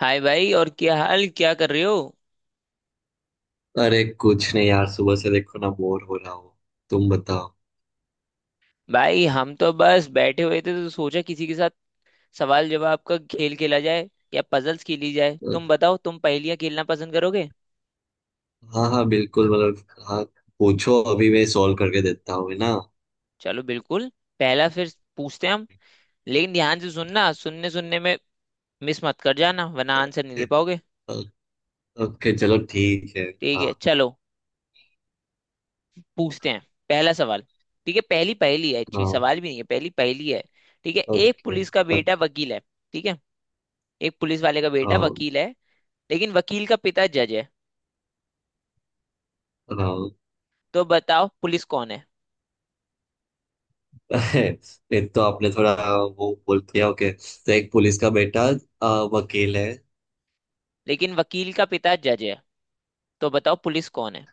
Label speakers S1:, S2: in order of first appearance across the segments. S1: हाय भाई, और क्या हाल? क्या कर रहे हो?
S2: अरे कुछ नहीं यार, सुबह से देखो ना, बोर हो रहा हो। तुम बताओ।
S1: भाई हम तो बस बैठे हुए थे तो सोचा किसी के साथ सवाल जवाब का खेल खेला जाए या पजल्स खेली जाए। तुम बताओ, तुम पहेलियां खेलना पसंद करोगे?
S2: हाँ हाँ, बिल्कुल, मतलब हाँ। पूछो, अभी मैं सॉल्व करके देता हूँ, है ना।
S1: चलो बिल्कुल। पहला फिर पूछते हैं हम। लेकिन ध्यान से सुनना, सुनने सुनने में मिस मत कर जाना वरना आंसर नहीं दे पाओगे।
S2: ओके, चलो ठीक है।
S1: ठीक
S2: हाँ
S1: है चलो। पूछते हैं पहला सवाल। ठीक है, पहली पहेली है, अच्छी
S2: हाँ।
S1: सवाल भी नहीं है, पहली पहेली है। ठीक है, एक
S2: ओके
S1: पुलिस का बेटा
S2: ओके।
S1: वकील है। ठीक है, एक पुलिस वाले का बेटा
S2: हाँ
S1: वकील है लेकिन वकील का पिता जज है।
S2: हाँ।
S1: तो बताओ पुलिस कौन है?
S2: ये तो आपने थोड़ा वो बोल दिया। ओके, तो एक पुलिस का बेटा वकील है।
S1: लेकिन वकील का पिता जज है, तो बताओ पुलिस कौन है?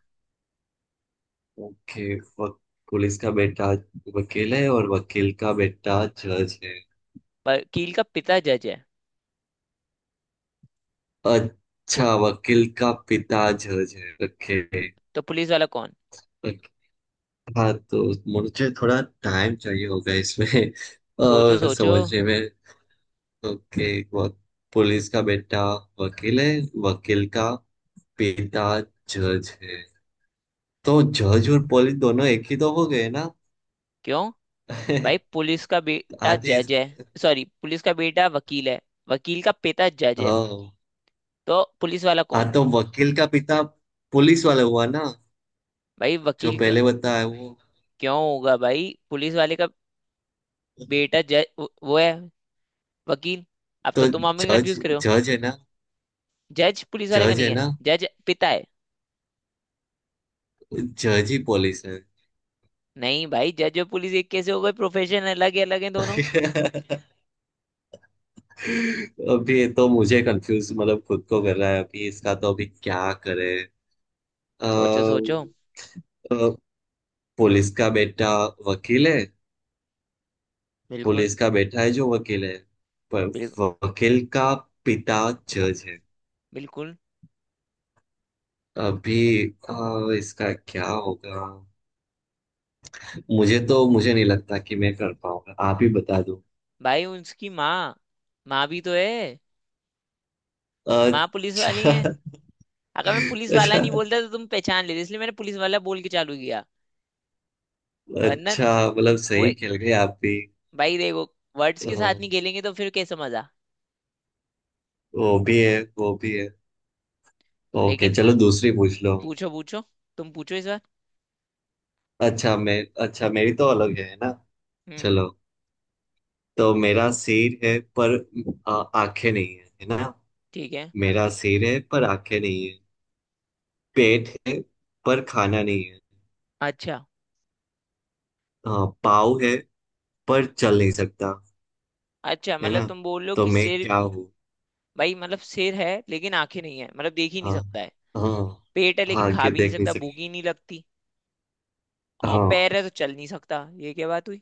S2: ओके। पुलिस का बेटा वकील है और वकील का बेटा जज है।
S1: वकील का पिता जज है,
S2: अच्छा, वकील का पिता जज है, ओके।
S1: तो पुलिस वाला कौन?
S2: हाँ, तो मुझे थोड़ा टाइम चाहिए होगा इसमें,
S1: सोचो सोचो।
S2: समझने में। ओके। वक, पुलिस का बेटा वकील है। वकील का पिता जज है। तो जज और पुलिस दोनों एक ही तो हो गए ना।
S1: क्यों? भाई पुलिस का बेटा
S2: आते।
S1: जज है, सॉरी, पुलिस का बेटा वकील है, वकील का पिता जज है,
S2: हाँ,
S1: तो पुलिस वाला कौन?
S2: हाँ तो वकील का पिता पुलिस वाला हुआ ना,
S1: भाई
S2: जो
S1: वकील का
S2: पहले बताया वो।
S1: क्यों होगा? भाई पुलिस वाले का बेटा जज, वो है वकील। अब तो
S2: तो
S1: तुम हमें
S2: जज
S1: कंफ्यूज कर रहे हो।
S2: जज है ना।
S1: जज पुलिस वाले का
S2: जज
S1: नहीं
S2: है
S1: है,
S2: ना।
S1: जज पिता है।
S2: जज ही पुलिस है।
S1: नहीं भाई, जज और पुलिस एक कैसे हो गए? प्रोफेशन अलग है, अलग है दोनों।
S2: अभी ये तो मुझे कंफ्यूज, मतलब खुद को कर रहा है अभी इसका तो। अभी क्या करे।
S1: सोचो सोचो।
S2: अम, अ, पुलिस का बेटा वकील है।
S1: बिल्कुल
S2: पुलिस का बेटा है जो वकील है। पर
S1: बिल्कुल
S2: वकील का पिता जज है।
S1: बिल्कुल।
S2: अभी इसका क्या होगा। मुझे नहीं लगता कि मैं कर पाऊंगा, आप ही बता दो।
S1: भाई उसकी माँ, माँ भी तो है। माँ पुलिस वाली है।
S2: अच्छा।
S1: अगर मैं पुलिस वाला
S2: अच्छा।
S1: नहीं बोलता तो तुम पहचान लेते, इसलिए मैंने पुलिस वाला बोल के चालू किया, वरना।
S2: अच्छा, मतलब
S1: वो
S2: सही
S1: एक,
S2: खेल गए आप भी।
S1: भाई देखो, वर्ड्स के साथ नहीं खेलेंगे तो फिर कैसे मजा?
S2: वो भी है, वो भी है। ओके,
S1: लेकिन
S2: चलो दूसरी पूछ लो।
S1: पूछो पूछो, तुम पूछो इस बार।
S2: अच्छा मेरी तो अलग है ना।
S1: हम्म।
S2: चलो। तो मेरा सिर है पर आंखें नहीं है, है ना।
S1: ठीक है।
S2: मेरा सिर है पर आंखें नहीं है। पेट है पर खाना नहीं है।
S1: अच्छा
S2: हाँ, पाँव है पर चल नहीं सकता,
S1: अच्छा,
S2: है
S1: मतलब
S2: ना।
S1: तुम बोल लो
S2: तो
S1: कि
S2: मैं
S1: सिर।
S2: क्या हूँ।
S1: भाई मतलब सिर है लेकिन आंखें नहीं है मतलब देख ही नहीं
S2: हाँ।
S1: सकता है।
S2: हाँ।
S1: पेट है लेकिन
S2: हाँ
S1: खा
S2: आगे
S1: भी नहीं
S2: देख नहीं
S1: सकता, भूख
S2: सकता।
S1: ही नहीं लगती। और
S2: हाँ।
S1: पैर है तो चल नहीं सकता, ये क्या बात हुई?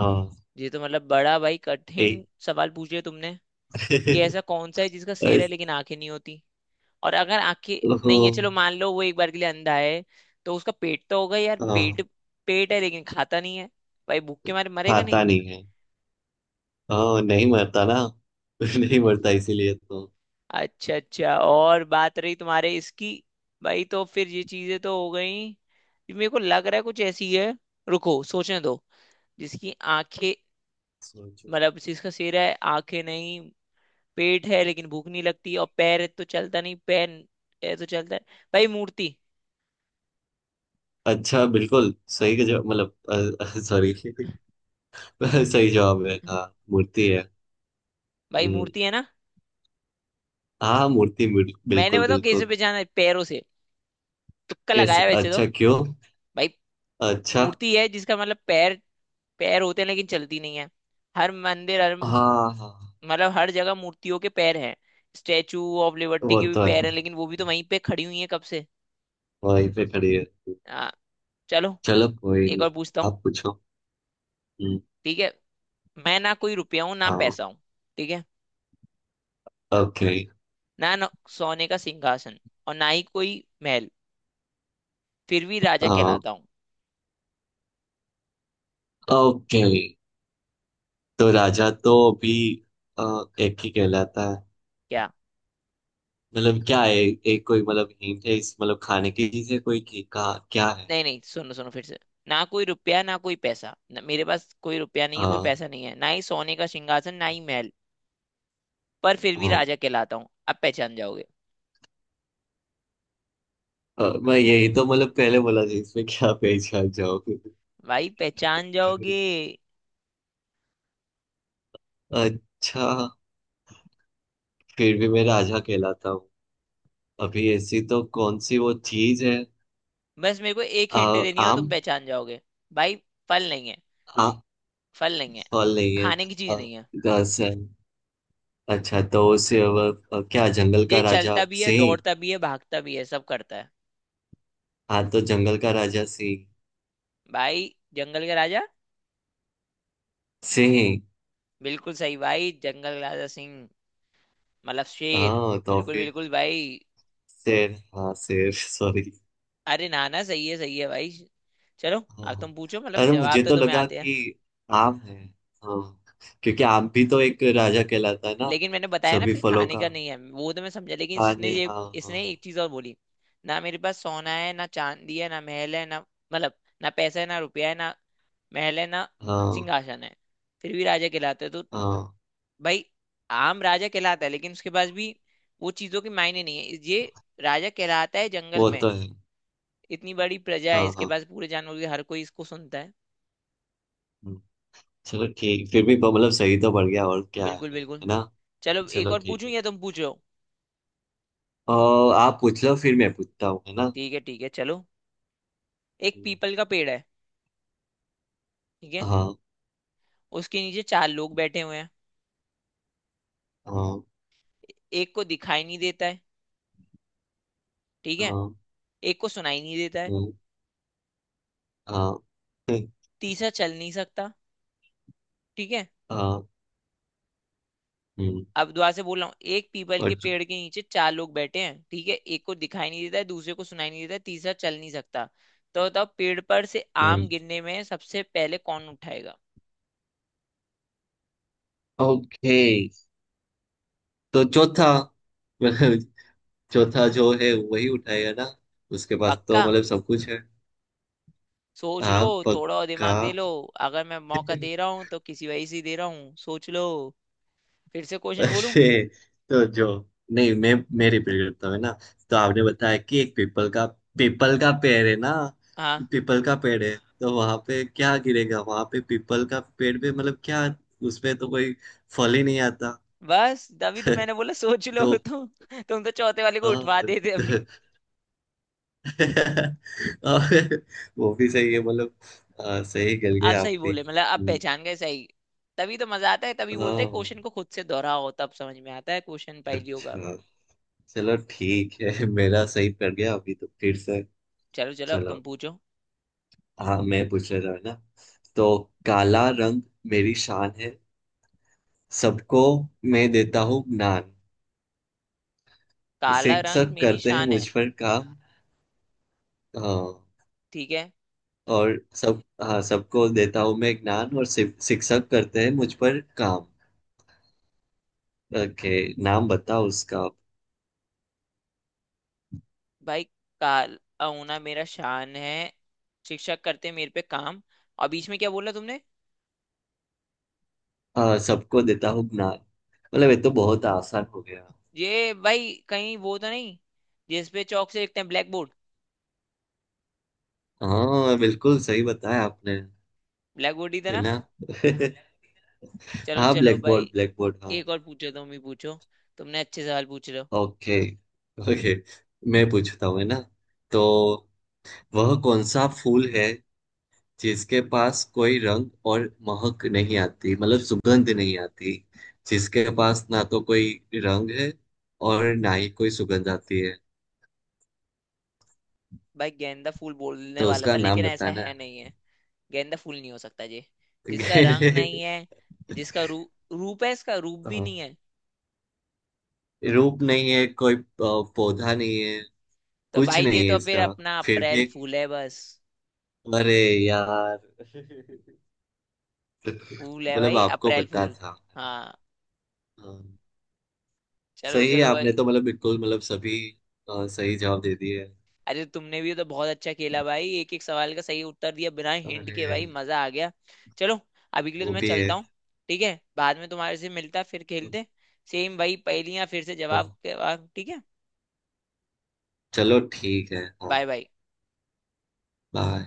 S2: हाँ।
S1: ये तो मतलब बड़ा भाई कठिन
S2: एक,
S1: सवाल पूछ लिया तुमने, कि ऐसा कौन सा है जिसका सिर है
S2: बस,
S1: लेकिन आंखें नहीं होती। और अगर आंखें नहीं है, चलो
S2: हाँ।
S1: मान लो वो एक बार के लिए अंधा है, तो उसका पेट तो होगा यार,
S2: हाँ,
S1: पेट। पेट है लेकिन खाता नहीं है, भाई भूख के मारे मरेगा
S2: खाता
S1: नहीं?
S2: नहीं है। हाँ, नहीं मरता ना। नहीं
S1: हम्म।
S2: मरता इसीलिए तो।
S1: अच्छा अच्छा, और बात रही तुम्हारे इसकी। भाई तो फिर ये चीजें तो हो गई, ये मेरे को लग रहा है कुछ ऐसी है। रुको सोचने दो। जिसकी आंखें,
S2: सोचो।
S1: मतलब जिसका सिर है आंखें नहीं, पेट है लेकिन भूख नहीं लगती, और पैर है तो चलता नहीं, पैर है तो चलता है। भाई मूर्ति।
S2: अच्छा, बिल्कुल सही का जवाब, मतलब, सॉरी सही जवाब है हाँ, मूर्ति है।
S1: भाई
S2: हम्म,
S1: मूर्ति है ना।
S2: हाँ, मूर्ति,
S1: मैंने
S2: बिल्कुल
S1: बताऊं कैसे
S2: बिल्कुल।
S1: पहचाना है? पैरों से, तुक्का
S2: कैसे,
S1: लगाया वैसे तो।
S2: अच्छा क्यों।
S1: भाई
S2: अच्छा,
S1: मूर्ति है जिसका मतलब पैर, पैर होते हैं लेकिन चलती नहीं है। हर मंदिर, हर,
S2: हाँ हाँ,
S1: मतलब हर जगह मूर्तियों के पैर हैं। स्टैचू ऑफ लिबर्टी
S2: वो
S1: के भी
S2: तो
S1: पैर
S2: है,
S1: हैं लेकिन वो भी तो वहीं पे खड़ी हुई है कब से।
S2: वहीं पे खड़ी है।
S1: आ, चलो
S2: चलो कोई
S1: एक
S2: नहीं।
S1: और पूछता हूँ।
S2: आप पूछो। हम्म,
S1: ठीक है। मैं ना कोई रुपया हूँ ना
S2: हाँ,
S1: पैसा हूँ। ठीक है।
S2: ओके।
S1: ना सोने का सिंहासन और ना ही कोई महल, फिर भी राजा
S2: हाँ,
S1: कहलाता हूँ।
S2: ओके। तो राजा तो अभी, अ, एक ही कहलाता है।
S1: क्या?
S2: मतलब क्या है, एक कोई मतलब हिंट है इस मतलब, खाने की चीज है कोई की का क्या है।
S1: नहीं नहीं, सुनो सुनो फिर से। ना कोई रुपया ना कोई पैसा, न, मेरे पास कोई रुपया नहीं है कोई
S2: हाँ।
S1: पैसा नहीं है, ना ही सोने का सिंहासन ना ही महल। पर फिर भी
S2: हाँ,
S1: राजा कहलाता हूँ, अब पहचान जाओगे?
S2: मैं यही तो मतलब पहले बोला था इसमें, क्या पहचान जाओगे।
S1: भाई पहचान जाओगे।
S2: अच्छा। फिर भी मैं राजा कहलाता हूँ। अभी ऐसी तो कौन सी वो चीज है।
S1: बस मेरे को एक हिंट
S2: अ,
S1: देनी है और तुम
S2: आम।
S1: पहचान जाओगे। भाई फल नहीं है,
S2: आ,
S1: फल नहीं है,
S2: फल नहीं है।
S1: खाने की चीज
S2: अ,
S1: नहीं है।
S2: घास है। अच्छा, तो उसे अब, क्या जंगल
S1: ये
S2: का राजा
S1: चलता भी है
S2: सिंह।
S1: दौड़ता भी है भागता भी है, सब करता है।
S2: हाँ तो जंगल का राजा सिंह।
S1: भाई जंगल का राजा।
S2: सिंह।
S1: बिल्कुल सही भाई, जंगल राजा सिंह, मतलब शेर।
S2: हाँ तो
S1: बिल्कुल
S2: फिर
S1: बिल्कुल भाई।
S2: शेर, हाँ शेर। सॉरी।
S1: अरे नाना, सही है भाई। चलो अब
S2: हाँ।
S1: तुम पूछो, मतलब
S2: अरे,
S1: जवाब
S2: मुझे
S1: तो
S2: तो
S1: तुम्हें
S2: लगा
S1: आते हैं।
S2: कि आम है। हाँ, क्योंकि आम भी तो एक राजा कहलाता है ना।
S1: लेकिन मैंने बताया ना,
S2: सभी
S1: फिर
S2: फलों
S1: खाने
S2: का।
S1: का नहीं है, वो तो मैं समझा लेकिन इसने
S2: खाने,
S1: ये,
S2: हाँ हाँ।
S1: इसने एक चीज और बोली। ना मेरे पास सोना है ना चांदी है ना महल है ना, मतलब, ना पैसा है ना रुपया है ना महल है ना
S2: हाँ
S1: सिंहासन है, फिर भी राजा कहलाता है तो।
S2: हाँ,
S1: भाई आम राजा कहलाता है लेकिन उसके पास भी, वो चीजों के मायने नहीं है। ये राजा कहलाता है जंगल
S2: वो
S1: में,
S2: तो है।
S1: इतनी बड़ी प्रजा
S2: हाँ
S1: है इसके
S2: हाँ।
S1: पास, पूरे जानवर के हर कोई इसको सुनता है।
S2: हम्म, चलो ठीक, फिर भी मतलब सही तो बढ़ गया, और क्या है
S1: बिल्कुल
S2: मैं,
S1: बिल्कुल।
S2: है ना।
S1: चलो एक
S2: चलो
S1: और
S2: ठीक
S1: पूछूं
S2: है,
S1: या तुम पूछो?
S2: और आप पूछ लो फिर मैं पूछता हूँ, है ना।
S1: ठीक है ठीक है, चलो। एक
S2: हम्म,
S1: पीपल का पेड़ है। ठीक है।
S2: हाँ।
S1: उसके नीचे चार लोग बैठे हुए हैं।
S2: हाँ।
S1: एक को दिखाई नहीं देता है, ठीक है,
S2: हाँ।
S1: एक को सुनाई नहीं देता है,
S2: हम्म, हाँ।
S1: तीसरा चल नहीं सकता। ठीक है।
S2: हाँ। हम्म,
S1: अब दोबारा से बोल रहा हूँ, एक पीपल के
S2: और।
S1: पेड़ के नीचे चार लोग बैठे हैं, ठीक है, एक को दिखाई नहीं देता है, दूसरे को सुनाई नहीं देता है, तीसरा चल नहीं सकता। तो बताओ पेड़ पर से आम
S2: हम्म,
S1: गिरने में सबसे पहले कौन उठाएगा?
S2: ओके, तो चौथा, चौथा जो है वही उठाएगा ना। उसके पास तो
S1: पक्का?
S2: मतलब सब कुछ है।
S1: सोच लो,
S2: हाँ
S1: थोड़ा और
S2: पक्का।
S1: दिमाग दे लो। अगर मैं मौका दे रहा हूँ तो किसी वजह से ही दे रहा हूँ, सोच लो। फिर से क्वेश्चन बोलूं?
S2: अरे, तो जो, नहीं, मैं रिपीट करता हूँ ना। तो आपने बताया कि एक पीपल का पेड़ है ना।
S1: हाँ।
S2: पीपल का पेड़ है। तो वहां पे क्या गिरेगा, वहां पे पीपल का पेड़ पे मतलब क्या। उसमें तो कोई फल ही नहीं आता।
S1: बस तभी तो मैंने बोला सोच लो।
S2: तो
S1: तुम तो चौथे वाले को
S2: हाँ,
S1: उठवा देते अभी।
S2: और वो भी सही है मतलब। हाँ, सही गल गए
S1: आप
S2: आप
S1: सही
S2: भी।
S1: बोले, मतलब आप
S2: हम्म,
S1: पहचान गए सही। तभी तो मजा आता है, तभी बोलते हैं
S2: हाँ,
S1: क्वेश्चन को खुद से दोहराओ तब समझ में आता है क्वेश्चन पहेलियों का।
S2: अच्छा, चलो ठीक है। मेरा सही पड़ गया अभी, तो फिर से।
S1: चलो चलो, अब तुम
S2: चलो।
S1: पूछो।
S2: हाँ, मैं पूछ रहा था ना। तो काला रंग मेरी शान है, सबको मैं देता हूँ ज्ञान,
S1: काला रंग
S2: शिक्षक
S1: मेरी
S2: करते हैं
S1: शान है।
S2: मुझ पर काम। हाँ,
S1: ठीक है।
S2: और सब, हाँ, सबको देता हूँ मैं ज्ञान, और शिक्षक करते हैं मुझ पर काम। ओके, नाम बताओ उसका आप।
S1: भाई काला होना मेरा शान है, शिक्षक करते मेरे पे काम, और बीच में क्या बोला तुमने?
S2: हाँ, सबको देता हूँ ज्ञान, मतलब ये तो बहुत आसान हो गया।
S1: ये भाई कहीं वो तो नहीं जिसपे चौक से लिखते हैं, ब्लैक बोर्ड?
S2: हाँ, बिल्कुल सही बताया आपने।
S1: ब्लैक बोर्ड ही था
S2: है
S1: ना?
S2: ना।
S1: चलो
S2: हाँ,
S1: चलो
S2: ब्लैक
S1: भाई,
S2: बोर्ड, ब्लैक बोर्ड, हाँ।
S1: एक और पूछो, तुम ही पूछो, तुमने अच्छे सवाल पूछ रहे हो।
S2: ओके, ओके, मैं पूछता हूँ, है ना। तो वह कौन सा फूल है जिसके पास कोई रंग और महक नहीं आती, मतलब सुगंध नहीं आती। जिसके पास ना तो कोई रंग है और ना ही कोई सुगंध आती है।
S1: भाई गेंदा फूल बोलने
S2: तो
S1: वाला
S2: उसका
S1: था
S2: नाम
S1: लेकिन ऐसा
S2: बताना
S1: है
S2: है।
S1: नहीं है। गेंदा फूल नहीं हो सकता ये। जिसका रंग नहीं है, जिसका रूप है, इसका रूप भी
S2: हाँ,
S1: नहीं है।
S2: रूप नहीं है कोई, पौधा नहीं है।
S1: तो
S2: कुछ
S1: भाई ये
S2: नहीं है
S1: तो फिर
S2: इसका,
S1: अपना
S2: फिर
S1: अप्रैल
S2: भी,
S1: फूल है बस।
S2: अरे यार।
S1: फूल है
S2: मतलब
S1: भाई,
S2: आपको
S1: अप्रैल
S2: पता
S1: फूल।
S2: था, है ना?
S1: हाँ।
S2: हाँ,
S1: चलो
S2: सही है
S1: चलो
S2: आपने
S1: भाई,
S2: तो, मतलब बिल्कुल, मतलब सभी सही जवाब दे दिए।
S1: अरे तुमने भी तो बहुत अच्छा खेला भाई, एक एक सवाल का सही उत्तर दिया बिना
S2: अरे,
S1: हिंट के, भाई मजा आ गया। चलो, अभी के लिए तो
S2: वो
S1: मैं
S2: भी है।
S1: चलता हूँ। ठीक है, बाद में तुम्हारे से मिलता फिर खेलते, सेम वही पहेलियां फिर से जवाब के बाद, ठीक है।
S2: चलो, ठीक है। हाँ,
S1: बाय बाय।
S2: बाय।